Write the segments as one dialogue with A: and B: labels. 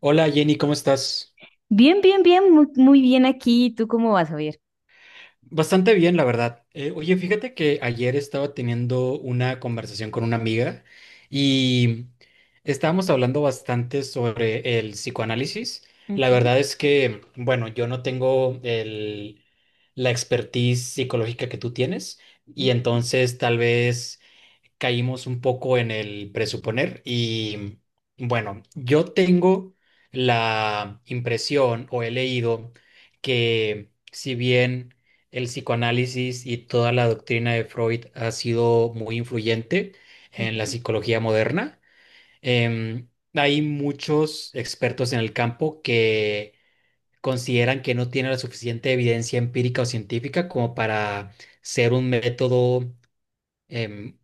A: Hola Jenny, ¿cómo estás?
B: Bien, muy bien aquí. ¿Tú cómo vas, Javier?
A: Bastante bien, la verdad. Oye, fíjate que ayer estaba teniendo una conversación con una amiga y estábamos hablando bastante sobre el psicoanálisis. La
B: Ujú,
A: verdad es que, bueno, yo no tengo la expertise psicológica que tú tienes, y
B: ujú,
A: entonces tal vez caímos un poco en el presuponer. Y bueno, yo tengo la impresión, o he leído, que si bien el psicoanálisis y toda la doctrina de Freud ha sido muy influyente en la
B: ujú,
A: psicología moderna, em, hay muchos expertos en el campo que consideran que no tiene la suficiente evidencia empírica o científica como para ser un método em,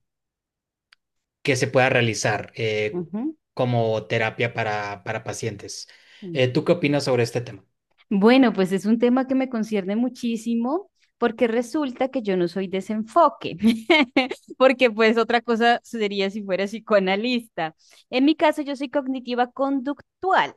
A: que se pueda realizar
B: ujú,
A: como terapia para pacientes.
B: ujú.
A: ¿Tú qué opinas sobre este tema?
B: Bueno, pues es un tema que me concierne muchísimo porque resulta que yo no soy desenfoque, porque pues otra cosa sería si fuera psicoanalista. En mi caso yo soy cognitiva conductual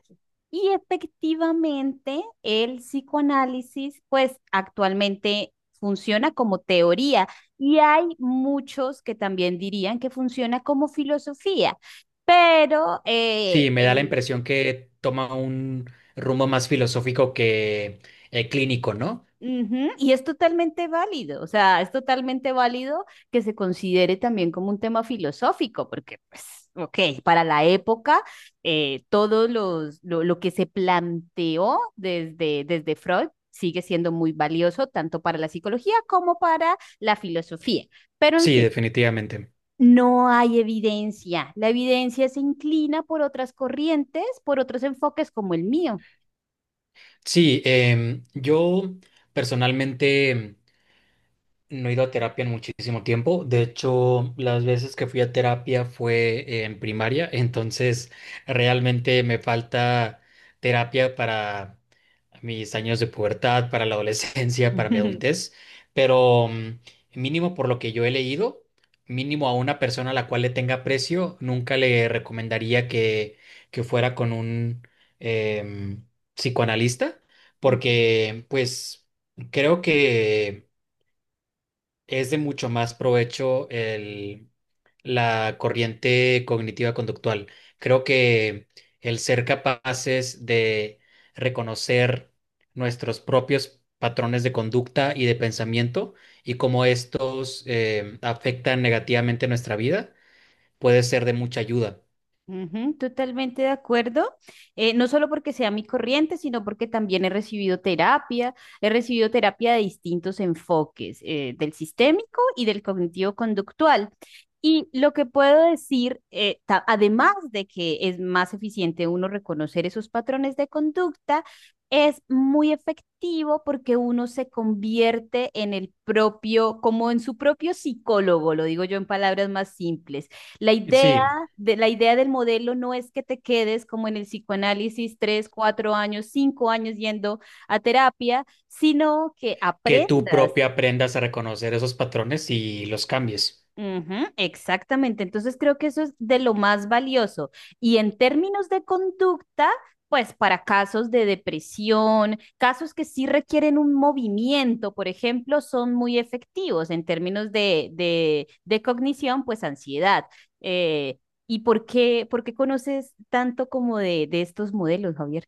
B: y efectivamente el psicoanálisis pues actualmente funciona como teoría y hay muchos que también dirían que funciona como filosofía. Pero
A: Sí, me da la
B: en
A: impresión que toma un rumbo más filosófico que clínico, ¿no?
B: ujú. Y es totalmente válido, o sea, es totalmente válido que se considere también como un tema filosófico, porque, pues, ok, para la época, lo que se planteó desde Freud sigue siendo muy valioso, tanto para la psicología como para la filosofía. Pero, en
A: Sí,
B: fin,
A: definitivamente.
B: no hay evidencia. La evidencia se inclina por otras corrientes, por otros enfoques como el mío.
A: Sí, yo personalmente... No he ido a terapia en muchísimo tiempo. De hecho, las veces que fui a terapia fue en primaria. Entonces realmente me falta terapia para mis años de pubertad, para la adolescencia, para mi adultez, pero mm, mínimo por lo que yo he leído, mínimo a una persona a la cual le tenga precio, nunca le recomendaría que fuera con un em, psicoanalista,
B: Ujú.
A: porque pues creo que es de mucho más provecho la corriente cognitiva conductual. Creo que el ser capaces de reconocer nuestros propios patrones de conducta y de pensamiento, y cómo estos afectan negativamente nuestra vida, puede ser de mucha ayuda.
B: Ujú, totalmente de acuerdo. No solo porque sea mi corriente, sino porque también he recibido terapia de distintos enfoques, del sistémico y del cognitivo-conductual. Y lo que puedo decir, además de que es más eficiente uno reconocer esos patrones de conducta, es muy efectivo porque uno se convierte en el propio, como en su propio psicólogo, lo digo yo en palabras más simples. La idea
A: Sí,
B: la idea del modelo no es que te quedes como en el psicoanálisis tres, cuatro años, cinco años yendo a terapia, sino que
A: que tú
B: aprendas.
A: propia aprendas a reconocer esos patrones y los cambies.
B: Ujú, exactamente. Entonces creo que eso es de lo más valioso. Y en términos de conducta, pues para casos de depresión, casos que sí requieren un movimiento, por ejemplo, son muy efectivos en términos de, de cognición, pues ansiedad. Eh, ¿y por qué conoces tanto como de estos modelos, Javier?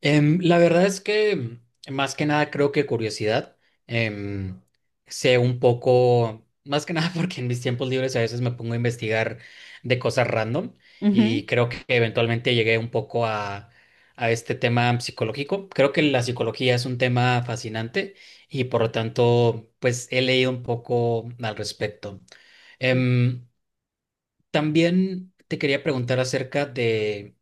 A: La verdad es que más que nada creo que curiosidad. em, sé un poco, más que nada porque en mis tiempos libres a veces me pongo a investigar de cosas random,
B: Ujú.
A: y creo que eventualmente llegué un poco a este tema psicológico. Creo que la psicología es un tema fascinante, y por lo tanto pues he leído un poco al respecto. Em, también te quería preguntar acerca de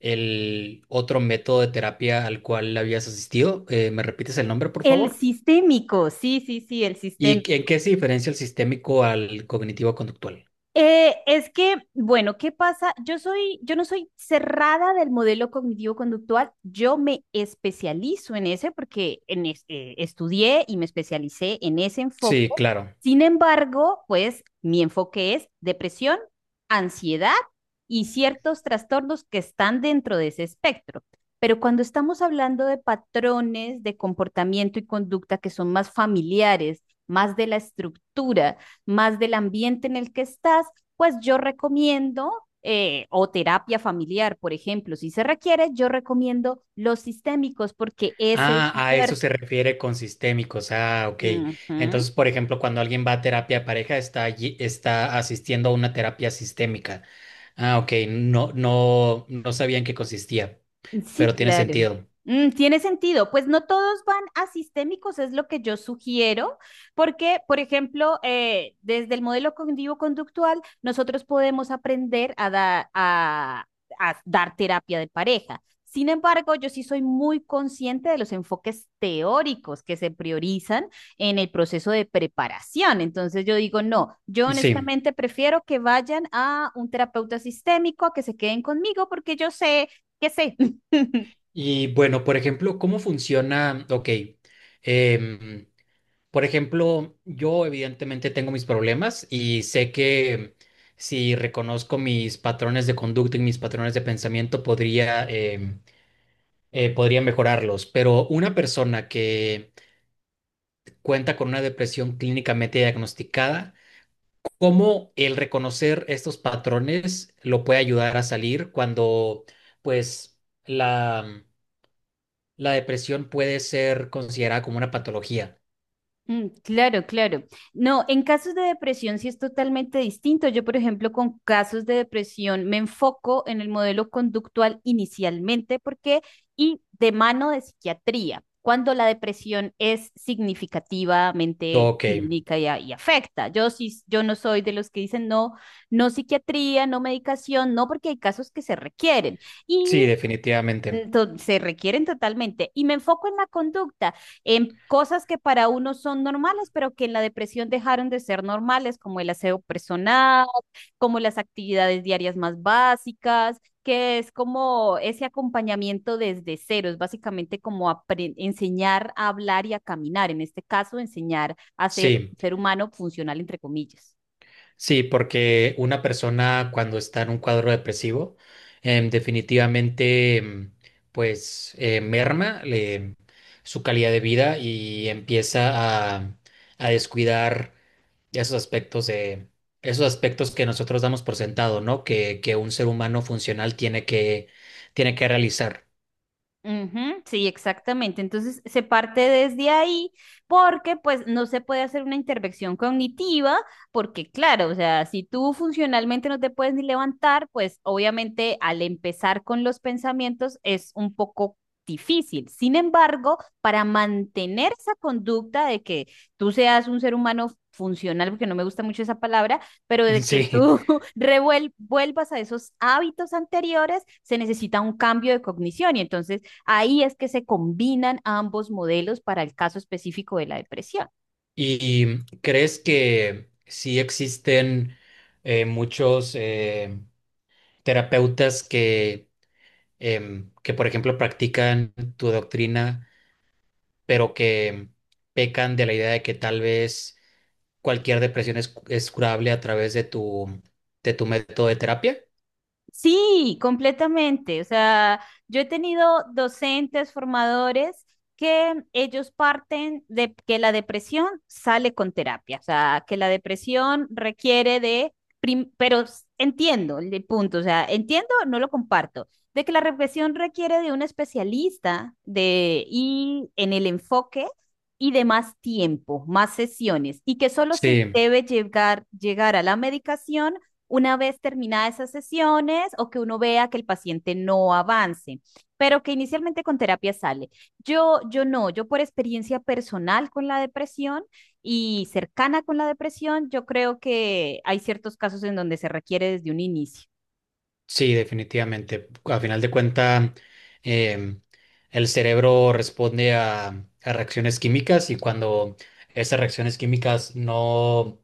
A: el otro método de terapia al cual habías asistido. ¿Me repites el nombre, por
B: El
A: favor?
B: sistémico, sí, sí, sí, el
A: ¿Y
B: sistémico.
A: en qué se diferencia el sistémico al cognitivo conductual?
B: Es que, bueno, ¿qué pasa? Yo no soy cerrada del modelo cognitivo conductual, yo me especializo en ese porque estudié y me especialicé en ese enfoque.
A: Sí, claro.
B: Sin embargo, pues mi enfoque es depresión, ansiedad y ciertos trastornos que están dentro de ese espectro. Pero cuando estamos hablando de patrones de comportamiento y conducta que son más familiares, más de la estructura, más del ambiente en el que estás, pues yo recomiendo, o terapia familiar, por ejemplo, si se requiere, yo recomiendo los sistémicos porque ese
A: Ah,
B: es
A: a eso
B: fuerte.
A: se refiere con sistémicos. Ah, ok.
B: Uh
A: Entonces,
B: -huh.
A: por ejemplo, cuando alguien va a terapia de pareja, está allí, está asistiendo a una terapia sistémica. Ah, ok. No, no, no sabía en qué consistía,
B: Sí,
A: pero tiene
B: claro.
A: sentido.
B: Mm, tiene sentido. Pues no todos van a sistémicos, es lo que yo sugiero, porque, por ejemplo, desde el modelo cognitivo-conductual, nosotros podemos aprender a a dar terapia de pareja. Sin embargo, yo sí soy muy consciente de los enfoques teóricos que se priorizan en el proceso de preparación. Entonces yo digo, no, yo
A: Sí.
B: honestamente prefiero que vayan a un terapeuta sistémico a que se queden conmigo porque yo sé que sé.
A: Y bueno, por ejemplo, ¿cómo funciona? Ok, em, por ejemplo, yo evidentemente tengo mis problemas, y sé que si reconozco mis patrones de conducta y mis patrones de pensamiento, podría, podría mejorarlos. Pero una persona que cuenta con una depresión clínicamente diagnosticada, ¿cómo el reconocer estos patrones lo puede ayudar a salir cuando, pues, la la depresión puede ser considerada como una patología?
B: Mm, claro, claro. No, en casos de depresión sí es totalmente distinto. Yo, por ejemplo, con casos de depresión me enfoco en el modelo conductual inicialmente porque y de mano de psiquiatría, cuando la depresión es significativamente
A: Ok,
B: clínica y afecta. Yo sí, yo no soy de los que dicen no, no psiquiatría, no medicación, no porque hay casos que se requieren.
A: sí, definitivamente.
B: Se requieren totalmente. Y me enfoco en la conducta, en cosas que para uno son normales, pero que en la depresión dejaron de ser normales, como el aseo personal, como las actividades diarias más básicas, que es como ese acompañamiento desde cero, es básicamente como enseñar a hablar y a caminar, en este caso, enseñar a ser
A: Sí,
B: ser humano funcional, entre comillas.
A: sí, porque una persona cuando está en un cuadro depresivo, definitivamente, pues, merma le- su calidad de vida, y empieza a descuidar esos aspectos esos aspectos que nosotros damos por sentado, ¿no? Que un ser humano funcional tiene que realizar.
B: Ujú, sí, exactamente. Entonces se parte desde ahí porque pues no se puede hacer una intervención cognitiva porque claro, o sea, si tú funcionalmente no te puedes ni levantar, pues obviamente al empezar con los pensamientos es un poco difícil. Sin embargo, para mantener esa conducta de que tú seas un ser humano funcional, porque no me gusta mucho esa palabra, pero de que tú
A: Sí.
B: vuelvas a esos hábitos anteriores, se necesita un cambio de cognición y entonces ahí es que se combinan ambos modelos para el caso específico de la depresión.
A: ¿Y crees que sí existen muchos terapeutas que, que, por ejemplo, practican tu doctrina, pero que pecan de la idea de que tal vez cualquier depresión es curable a través de de tu método de terapia?
B: Sí, completamente. O sea, yo he tenido docentes, formadores, que ellos parten de que la depresión sale con terapia, o sea, que la depresión requiere de, entiendo el punto, o sea, entiendo, no lo comparto, de que la depresión requiere de un especialista de, y en el enfoque y de más tiempo, más sesiones, y que solo se
A: Sí,
B: debe llegar, llegar a la medicación una vez terminadas esas sesiones o que uno vea que el paciente no avance, pero que inicialmente con terapia sale. Yo no, yo por experiencia personal con la depresión y cercana con la depresión, yo creo que hay ciertos casos en donde se requiere desde un inicio.
A: sí, definitivamente. A final de cuentas, el cerebro responde a reacciones químicas, y cuando esas reacciones químicas no...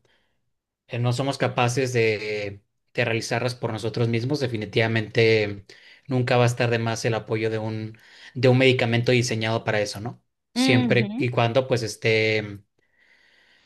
A: no somos capaces de realizarlas por nosotros mismos, definitivamente nunca va a estar de más el apoyo de un medicamento diseñado para eso, ¿no? Siempre
B: Ujú.
A: y cuando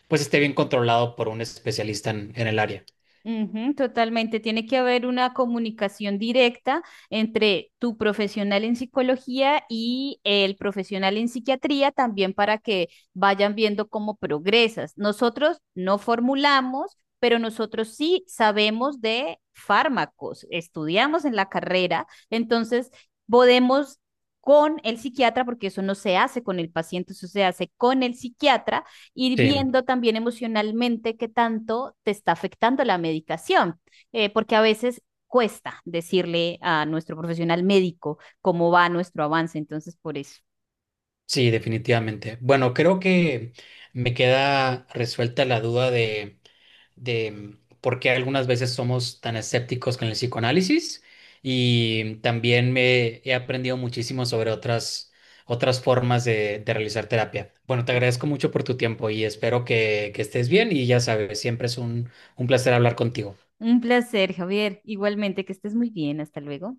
A: pues esté bien controlado por un especialista en el área.
B: Ujú, totalmente. Tiene que haber una comunicación directa entre tu profesional en psicología y el profesional en psiquiatría también para que vayan viendo cómo progresas. Nosotros no formulamos, pero nosotros sí sabemos de fármacos, estudiamos en la carrera, entonces podemos... con el psiquiatra, porque eso no se hace con el paciente, eso se hace con el psiquiatra, ir
A: Sí,
B: viendo también emocionalmente qué tanto te está afectando la medicación, porque a veces cuesta decirle a nuestro profesional médico cómo va nuestro avance, entonces por eso.
A: sí, definitivamente. Bueno, creo que me queda resuelta la duda de mm, por qué algunas veces somos tan escépticos con el psicoanálisis, y también me he aprendido muchísimo sobre otras, otras formas de realizar terapia. Bueno, te agradezco mucho por tu tiempo y espero que estés bien, y ya sabes, siempre es un placer hablar contigo.
B: Un placer, Javier. Igualmente, que estés muy bien. Hasta luego.